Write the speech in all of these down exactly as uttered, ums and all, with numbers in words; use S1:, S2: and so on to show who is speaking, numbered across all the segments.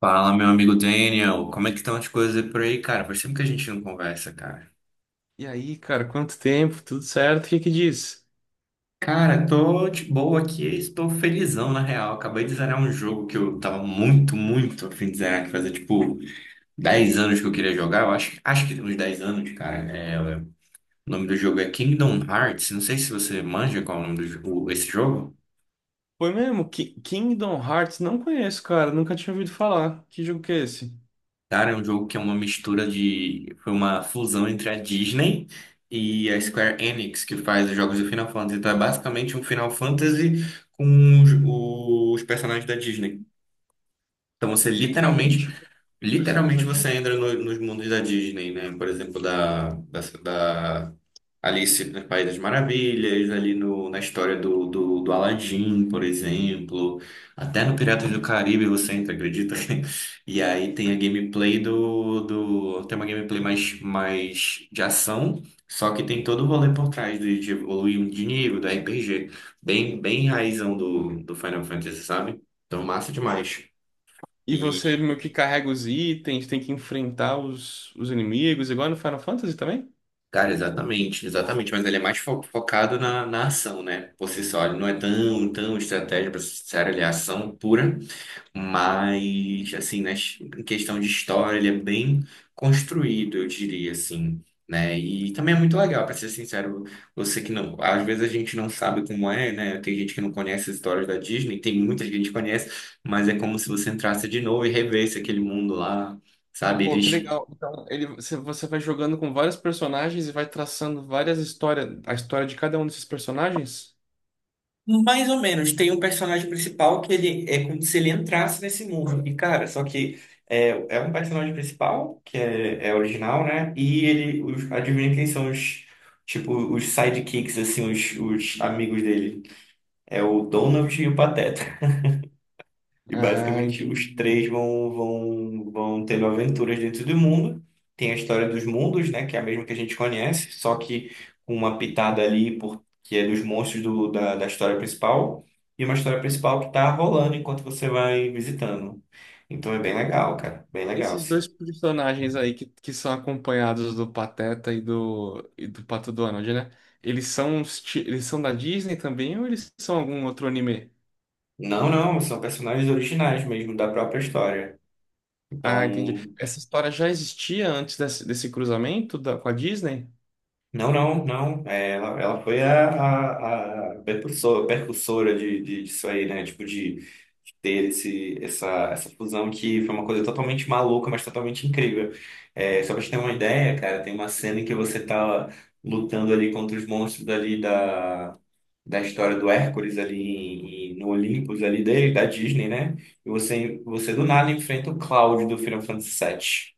S1: Fala, meu amigo Daniel, como é que estão as coisas por aí, cara? Faz tempo que a gente não conversa, cara.
S2: E aí, cara, quanto tempo? Tudo certo? O que que diz?
S1: Cara, tô de boa aqui, estou felizão na real. Acabei de zerar um jogo que eu tava muito, muito a fim de zerar, que fazia tipo dez anos que eu queria jogar. Eu acho, acho que uns dez anos, cara. É, o nome do jogo é Kingdom Hearts. Não sei se você manja qual é o nome do jogo, esse jogo.
S2: Foi mesmo? Ki- Kingdom Hearts? Não conheço, cara. Nunca tinha ouvido falar. Que jogo que é esse?
S1: Cara, é um jogo que é uma mistura de. Foi uma fusão entre a Disney e a Square Enix, que faz os jogos do Final Fantasy. Então é basicamente um Final Fantasy com os, os personagens da Disney. Então você literalmente,
S2: Literalmente? Personagem
S1: literalmente
S2: da
S1: você
S2: Disney?
S1: entra no- nos mundos da Disney, né? Por exemplo, da, da, Alice no País das Maravilhas, ali no, na história do, do, do Aladdin, por exemplo, até no Piratas do Caribe você entra, acredita? E aí tem a gameplay do, do tem uma gameplay mais, mais de ação, só que tem todo o rolê por trás de, de evoluir de nível, do R P G, bem, bem raizão do, do Final Fantasy, sabe? Então massa demais.
S2: E você
S1: E,
S2: meio que carrega os itens, tem que enfrentar os, os inimigos, igual no Final Fantasy também?
S1: cara, exatamente, exatamente, mas ele é mais fo- focado na, na ação, né? Por si só, ele não é tão, tão estratégia para ser ele é ação pura, mas, assim, né, em questão de história, ele é bem construído, eu diria, assim, né? E também é muito legal, para ser sincero, você que não, às vezes a gente não sabe como é, né? Tem gente que não conhece as histórias da Disney, tem muita gente que conhece, mas é como se você entrasse de novo e revesse aquele mundo lá, sabe?
S2: Pô, que
S1: Eles
S2: legal. Então, ele, você você vai jogando com vários personagens e vai traçando várias histórias, a história de cada um desses personagens?
S1: Mais ou menos. Tem um personagem principal que ele é como se ele entrasse nesse mundo. E, cara, só que é, é um personagem principal, que é, é original, né? E ele, os, adivinha quem são os, tipo, os sidekicks, assim, os, os amigos dele. É o Donald e o Pateta. E
S2: Ah,
S1: basicamente os
S2: entendi.
S1: três vão, vão, vão tendo aventuras dentro do mundo. Tem a história dos mundos, né? Que é a mesma que a gente conhece, só que com uma pitada ali, por, que é dos monstros do, da, da história principal, e uma história principal que tá rolando enquanto você vai visitando. Então é bem legal, cara. Bem
S2: E
S1: legal,
S2: esses
S1: sim.
S2: dois personagens aí que, que são acompanhados do Pateta e do, e do Pato Donald, né? Eles são, os ti- eles são da Disney também ou eles são algum outro anime?
S1: Não, não, são personagens originais mesmo da própria história.
S2: Ah, entendi.
S1: Então
S2: Essa história já existia antes desse, desse cruzamento da, com a Disney?
S1: Não, não, não. É, ela, ela foi a, a, a percursor- percursora, de, de, disso aí, né? Tipo, de, de ter esse, essa, essa fusão que foi uma coisa totalmente maluca, mas totalmente incrível. É, só pra te ter uma ideia, cara, tem uma cena em que você tá lutando ali contra os monstros ali da, da história do Hércules ali em- em- no Olympus ali dele, da Disney, né? E você, você do nada enfrenta o Cláudio do Final Fantasy Sete.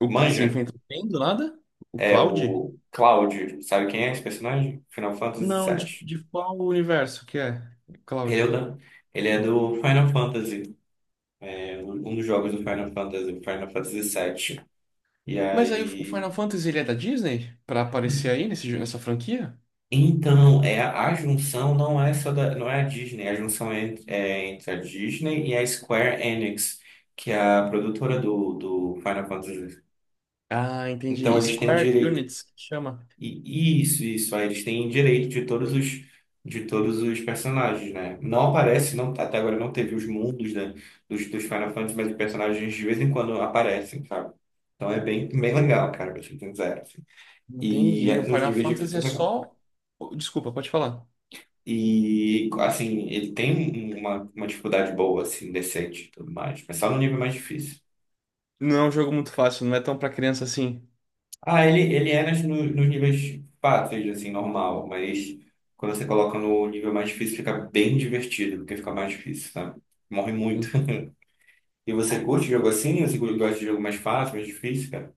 S2: O que você
S1: Manja?
S2: inventou bem do nada? O
S1: É
S2: Cloud?
S1: o Cloud, sabe quem é esse personagem? Final Fantasy
S2: Não, de,
S1: sete.
S2: de qual universo que é?
S1: Ele é, o
S2: Cláudio.
S1: da- ele é do Final Fantasy, é um um dos jogos do Final Fantasy, Final Fantasy sete. E
S2: Mas aí o
S1: aí.
S2: Final Fantasy ele é da Disney? Pra aparecer aí nesse, jo- nessa franquia?
S1: Então, é, a junção não é só da, não é a Disney, a junção é, entre- é entre a Disney e a Square Enix, que é a produtora do, do Final Fantasy.
S2: Ah,
S1: Então,
S2: entendi.
S1: eles têm
S2: Square
S1: direito.
S2: Units que chama.
S1: E isso, isso. Aí eles têm direito de todos os de todos os personagens, né? Não aparece, não, até agora não teve os mundos, né, dos, dos Final Fantasy, mas os personagens de vez em quando aparecem, sabe? Então é bem, bem legal, cara, pra ser sincero, assim. E
S2: Entendi. O
S1: é, nos
S2: Final
S1: níveis difíceis
S2: Fantasy
S1: é
S2: é
S1: legal.
S2: só. Oh, desculpa, pode falar.
S1: E, assim, ele tem uma, uma dificuldade boa, assim, decente e tudo mais, mas só no nível mais difícil.
S2: Não é um jogo muito fácil, não é tão pra criança assim.
S1: Ah, ele, ele é nas, no- nos níveis fáceis, assim, normal, mas quando você coloca no nível mais difícil, fica bem divertido, porque fica mais difícil, sabe? Morre muito.
S2: Entendi.
S1: E você curte jogo assim? Você gosta de jogo mais fácil, mais difícil, cara?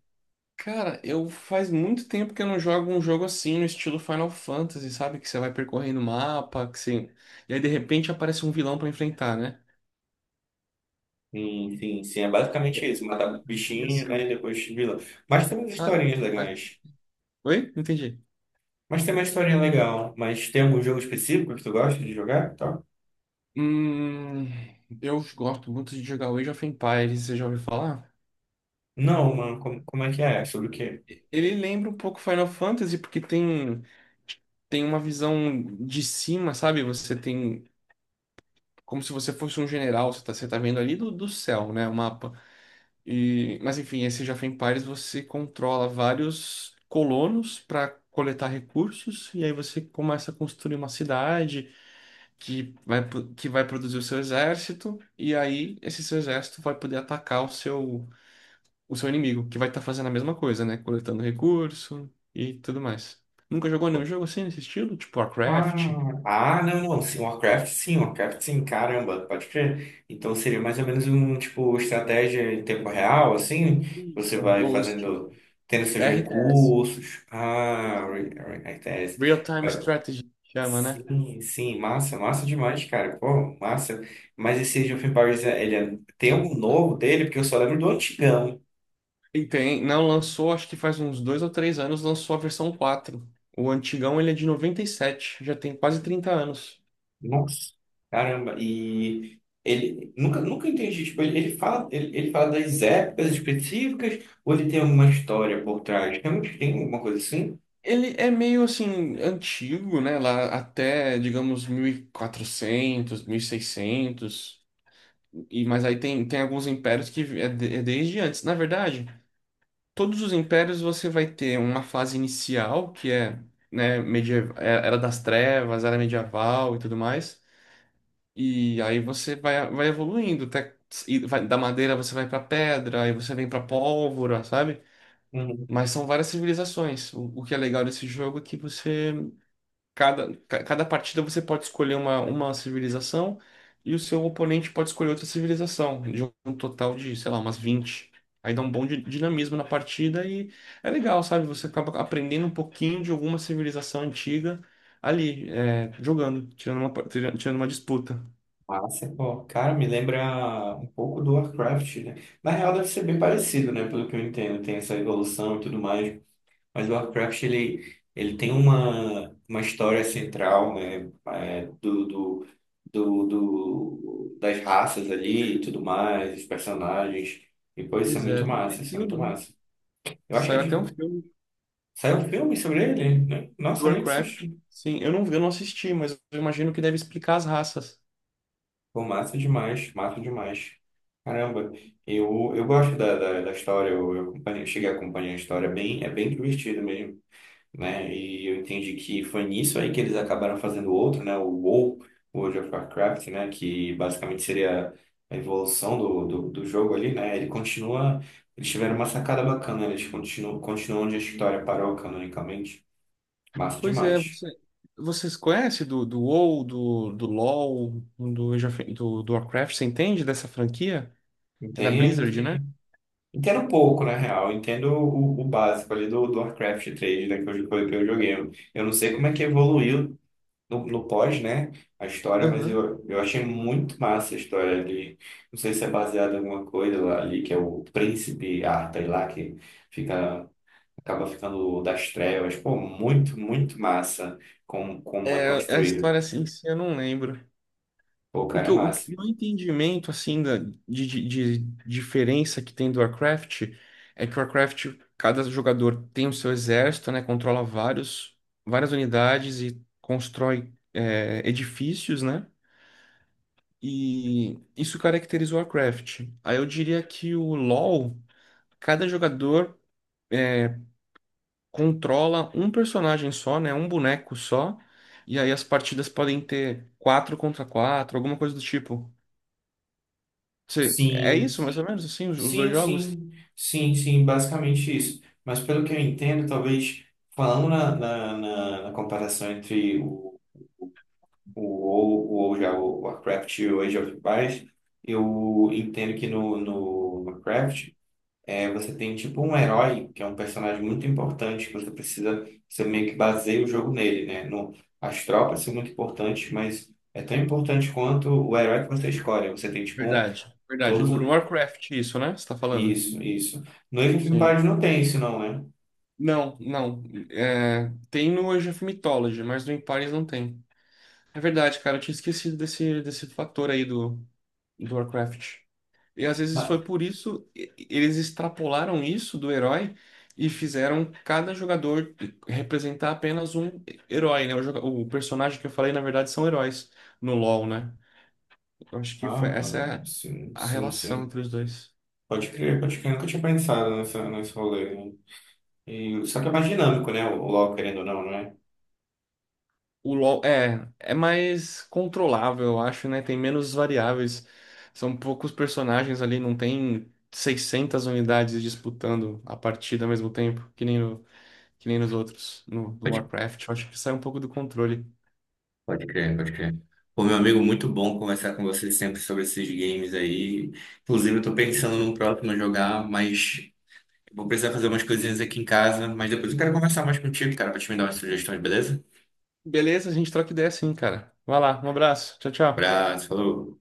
S2: Cara, eu faz muito tempo que eu não jogo um jogo assim, no estilo Final Fantasy, sabe? Que você vai percorrendo o mapa, que você... E aí, de repente, aparece um vilão pra enfrentar, né?
S1: Sim, sim, sim, é
S2: É,
S1: basicamente isso. Matar
S2: eu pensei
S1: bichinho, né,
S2: assim.
S1: e depois vilão. Mas tem umas
S2: Ah,
S1: historinhas
S2: faz-
S1: legais.
S2: oi? Não entendi.
S1: Mas tem uma historinha legal. Mas tem algum jogo específico que tu gosta de jogar? Tá?
S2: Hum, eu gosto muito de jogar Age of Empires, você já ouviu falar?
S1: Não, mano, como, como é que é? Sobre o quê?
S2: Ele lembra um pouco Final Fantasy, porque tem, tem uma visão de cima, sabe? Você tem. Como se você fosse um general, você tá, você tá vendo ali do, do céu, né? O mapa. E, mas enfim, esse Age of Empires você controla vários colonos para coletar recursos, e aí você começa a construir uma cidade que vai, pro- que vai produzir o seu exército, e aí esse seu exército vai poder atacar o seu o seu inimigo, que vai estar fazendo a mesma coisa, né? Coletando recurso e tudo mais. Nunca jogou nenhum jogo assim nesse estilo? Tipo Warcraft?
S1: Ah, ah, não, não. Sim, Warcraft sim, Warcraft sim, caramba, pode crer. Então seria mais ou menos um tipo estratégia em tempo real, assim, você
S2: Isso,
S1: vai
S2: o estilo
S1: fazendo, tendo seus
S2: R T S.
S1: recursos. Ah, re- re- R T S.
S2: Real-time
S1: Vai-
S2: strategy que chama, né?
S1: Sim, sim, massa, massa demais, cara. Pô, massa. Mas esse Age of Empires, ele é- tem algum novo dele? Porque eu só lembro do antigão.
S2: E tem, não lançou, acho que faz uns dois ou três anos, lançou a versão quatro. O antigão ele é de noventa e sete, já tem quase trinta anos.
S1: Nossa, caramba, e ele nunca, nunca entendi, tipo, ele, ele fala, ele, ele fala das épocas específicas ou ele tem alguma história por trás? Realmente tem alguma coisa assim?
S2: Ele é meio assim antigo, né? Lá até, digamos, mil e quatrocentos, mil e seiscentos. E, mas aí tem, tem alguns impérios que é, de- é desde antes. Na verdade, todos os impérios você vai ter uma fase inicial, que é, né, medieval, era das trevas, era medieval e tudo mais. E aí você vai, vai evoluindo, até, e vai- da madeira você vai pra pedra, aí você vem pra pólvora, sabe?
S1: Uhum.
S2: Mas são várias civilizações. O, o que é legal desse jogo é que você Cada, ca- cada partida você pode escolher uma, uma civilização e o seu oponente pode escolher outra civilização, de um total de, sei lá, umas vinte. Aí dá um bom di- dinamismo na partida e é legal, sabe? Você acaba aprendendo um pouquinho de alguma civilização antiga ali, é, jogando, tirando uma, par- tira- tirando uma disputa.
S1: Massa, pô, cara, me lembra um pouco do Warcraft, né? Na real deve ser bem parecido, né? Pelo que eu entendo, tem essa evolução e tudo mais. Mas o Warcraft, ele, ele tem uma, uma história central, né? é, do, do, do, do- das raças ali e tudo mais, os personagens. E, pô, isso é
S2: Pois é,
S1: muito
S2: tem até
S1: massa, isso é muito
S2: filme, né?
S1: massa. Eu acho que é
S2: Saiu até um
S1: tipo,
S2: filme
S1: saiu um filme sobre ele, né?
S2: do
S1: Nossa, nem
S2: Warcraft.
S1: assisti.
S2: Sim, eu não, eu não assisti, mas eu imagino que deve explicar as raças.
S1: Pô, massa demais, massa demais. Caramba, eu, eu gosto da, da, da história, eu, eu acompanhei- cheguei a acompanhar a história, é bem, é bem divertido mesmo. Né? E eu entendi que foi nisso aí que eles acabaram fazendo outro, né? O WoW, World of Warcraft, né? Que basicamente seria a evolução do, do, do jogo ali, né? Ele continua... Eles tiveram uma sacada bacana, eles continuam, continuam onde a história parou canonicamente. Massa
S2: Pois é,
S1: demais.
S2: você, vocês conhecem do, do WoW, do, do LoL, do, Age of- do, do Warcraft? Você entende dessa franquia? É da
S1: Entendo,
S2: Blizzard, né?
S1: entendo um pouco, na real. Eu entendo o, o básico ali do, do Warcraft três, né? Que eu, que eu joguei. Eu não sei como é que evoluiu no, no pós, né, a história, mas
S2: Aham.
S1: eu, eu achei muito massa a história ali. Não sei se é baseada em alguma coisa lá ali, que é o príncipe Arthur lá, que fica, acaba ficando das trevas. Pô, muito, muito massa como, como é
S2: É, a
S1: construído.
S2: história assim, em si eu não lembro.
S1: Pô, o
S2: O
S1: cara
S2: que
S1: é
S2: eu, o
S1: massa.
S2: que- o entendimento, assim, da, de, de, de diferença que tem do Warcraft é que o Warcraft, cada jogador tem o seu exército, né? Controla vários, várias unidades e constrói, é, edifícios, né? E isso caracterizou a Craft. Aí eu diria que o LoL, cada jogador é, controla um personagem só, né? Um boneco só. E aí as partidas podem ter quatro contra quatro, alguma coisa do tipo. Você, é isso,
S1: Sim,
S2: mais ou menos, assim, os, os dois
S1: sim,
S2: jogos?
S1: sim, sim, sim, basicamente isso. Mas pelo que eu entendo, talvez falando na, na, na, na comparação entre o o WoW, o WoW já, o Warcraft e o Age of Empires, eu entendo que no, no Warcraft é, você tem tipo um herói, que é um personagem muito importante, que você precisa, você meio que baseia o jogo nele, né? No, as tropas são muito importantes, mas é tão importante quanto o herói que você escolhe. Você tem tipo um-
S2: Verdade, verdade.
S1: Todos.
S2: O
S1: o-
S2: Warcraft, isso, né? Você tá falando?
S1: Isso, isso. No Age of
S2: Sim.
S1: Empires não tem isso, não, né?
S2: Não, não. É, tem no Age of Mythology, mas no Empires não tem. É verdade, cara. Eu tinha esquecido desse, desse fator aí do, do Warcraft. E às vezes
S1: Mas-
S2: foi por isso, e- eles extrapolaram isso do herói e fizeram cada jogador representar apenas um herói, né? O, joga- o personagem que eu falei, na verdade, são heróis no LoL, né? Eu acho que foi, essa
S1: Ah,
S2: é
S1: sim,
S2: a
S1: sim,
S2: relação
S1: sim.
S2: entre os dois.
S1: Pode crer, pode crer. Eu nunca tinha pensado nessa, nesse rolê. Né? E, só que é mais dinâmico, né? O LoL, querendo ou não, não é?
S2: O LoL é, é mais controlável, eu acho, né? Tem menos variáveis. São poucos personagens ali, não tem seiscentas unidades disputando a partida ao mesmo tempo, que nem no que nem nos outros, no, no
S1: Pode,
S2: Warcraft. Eu acho que sai um pouco do controle.
S1: pode crer, pode crer. Pô, meu amigo, muito bom conversar com você sempre sobre esses games aí. Inclusive, eu tô pensando no próximo a jogar, mas vou precisar fazer umas coisinhas aqui em casa. Mas depois eu quero conversar mais contigo, cara, pra te me dar umas sugestões, beleza?
S2: Beleza, a gente troca ideia sim, cara. Vai lá, um abraço. Tchau, tchau.
S1: Abraço, falou.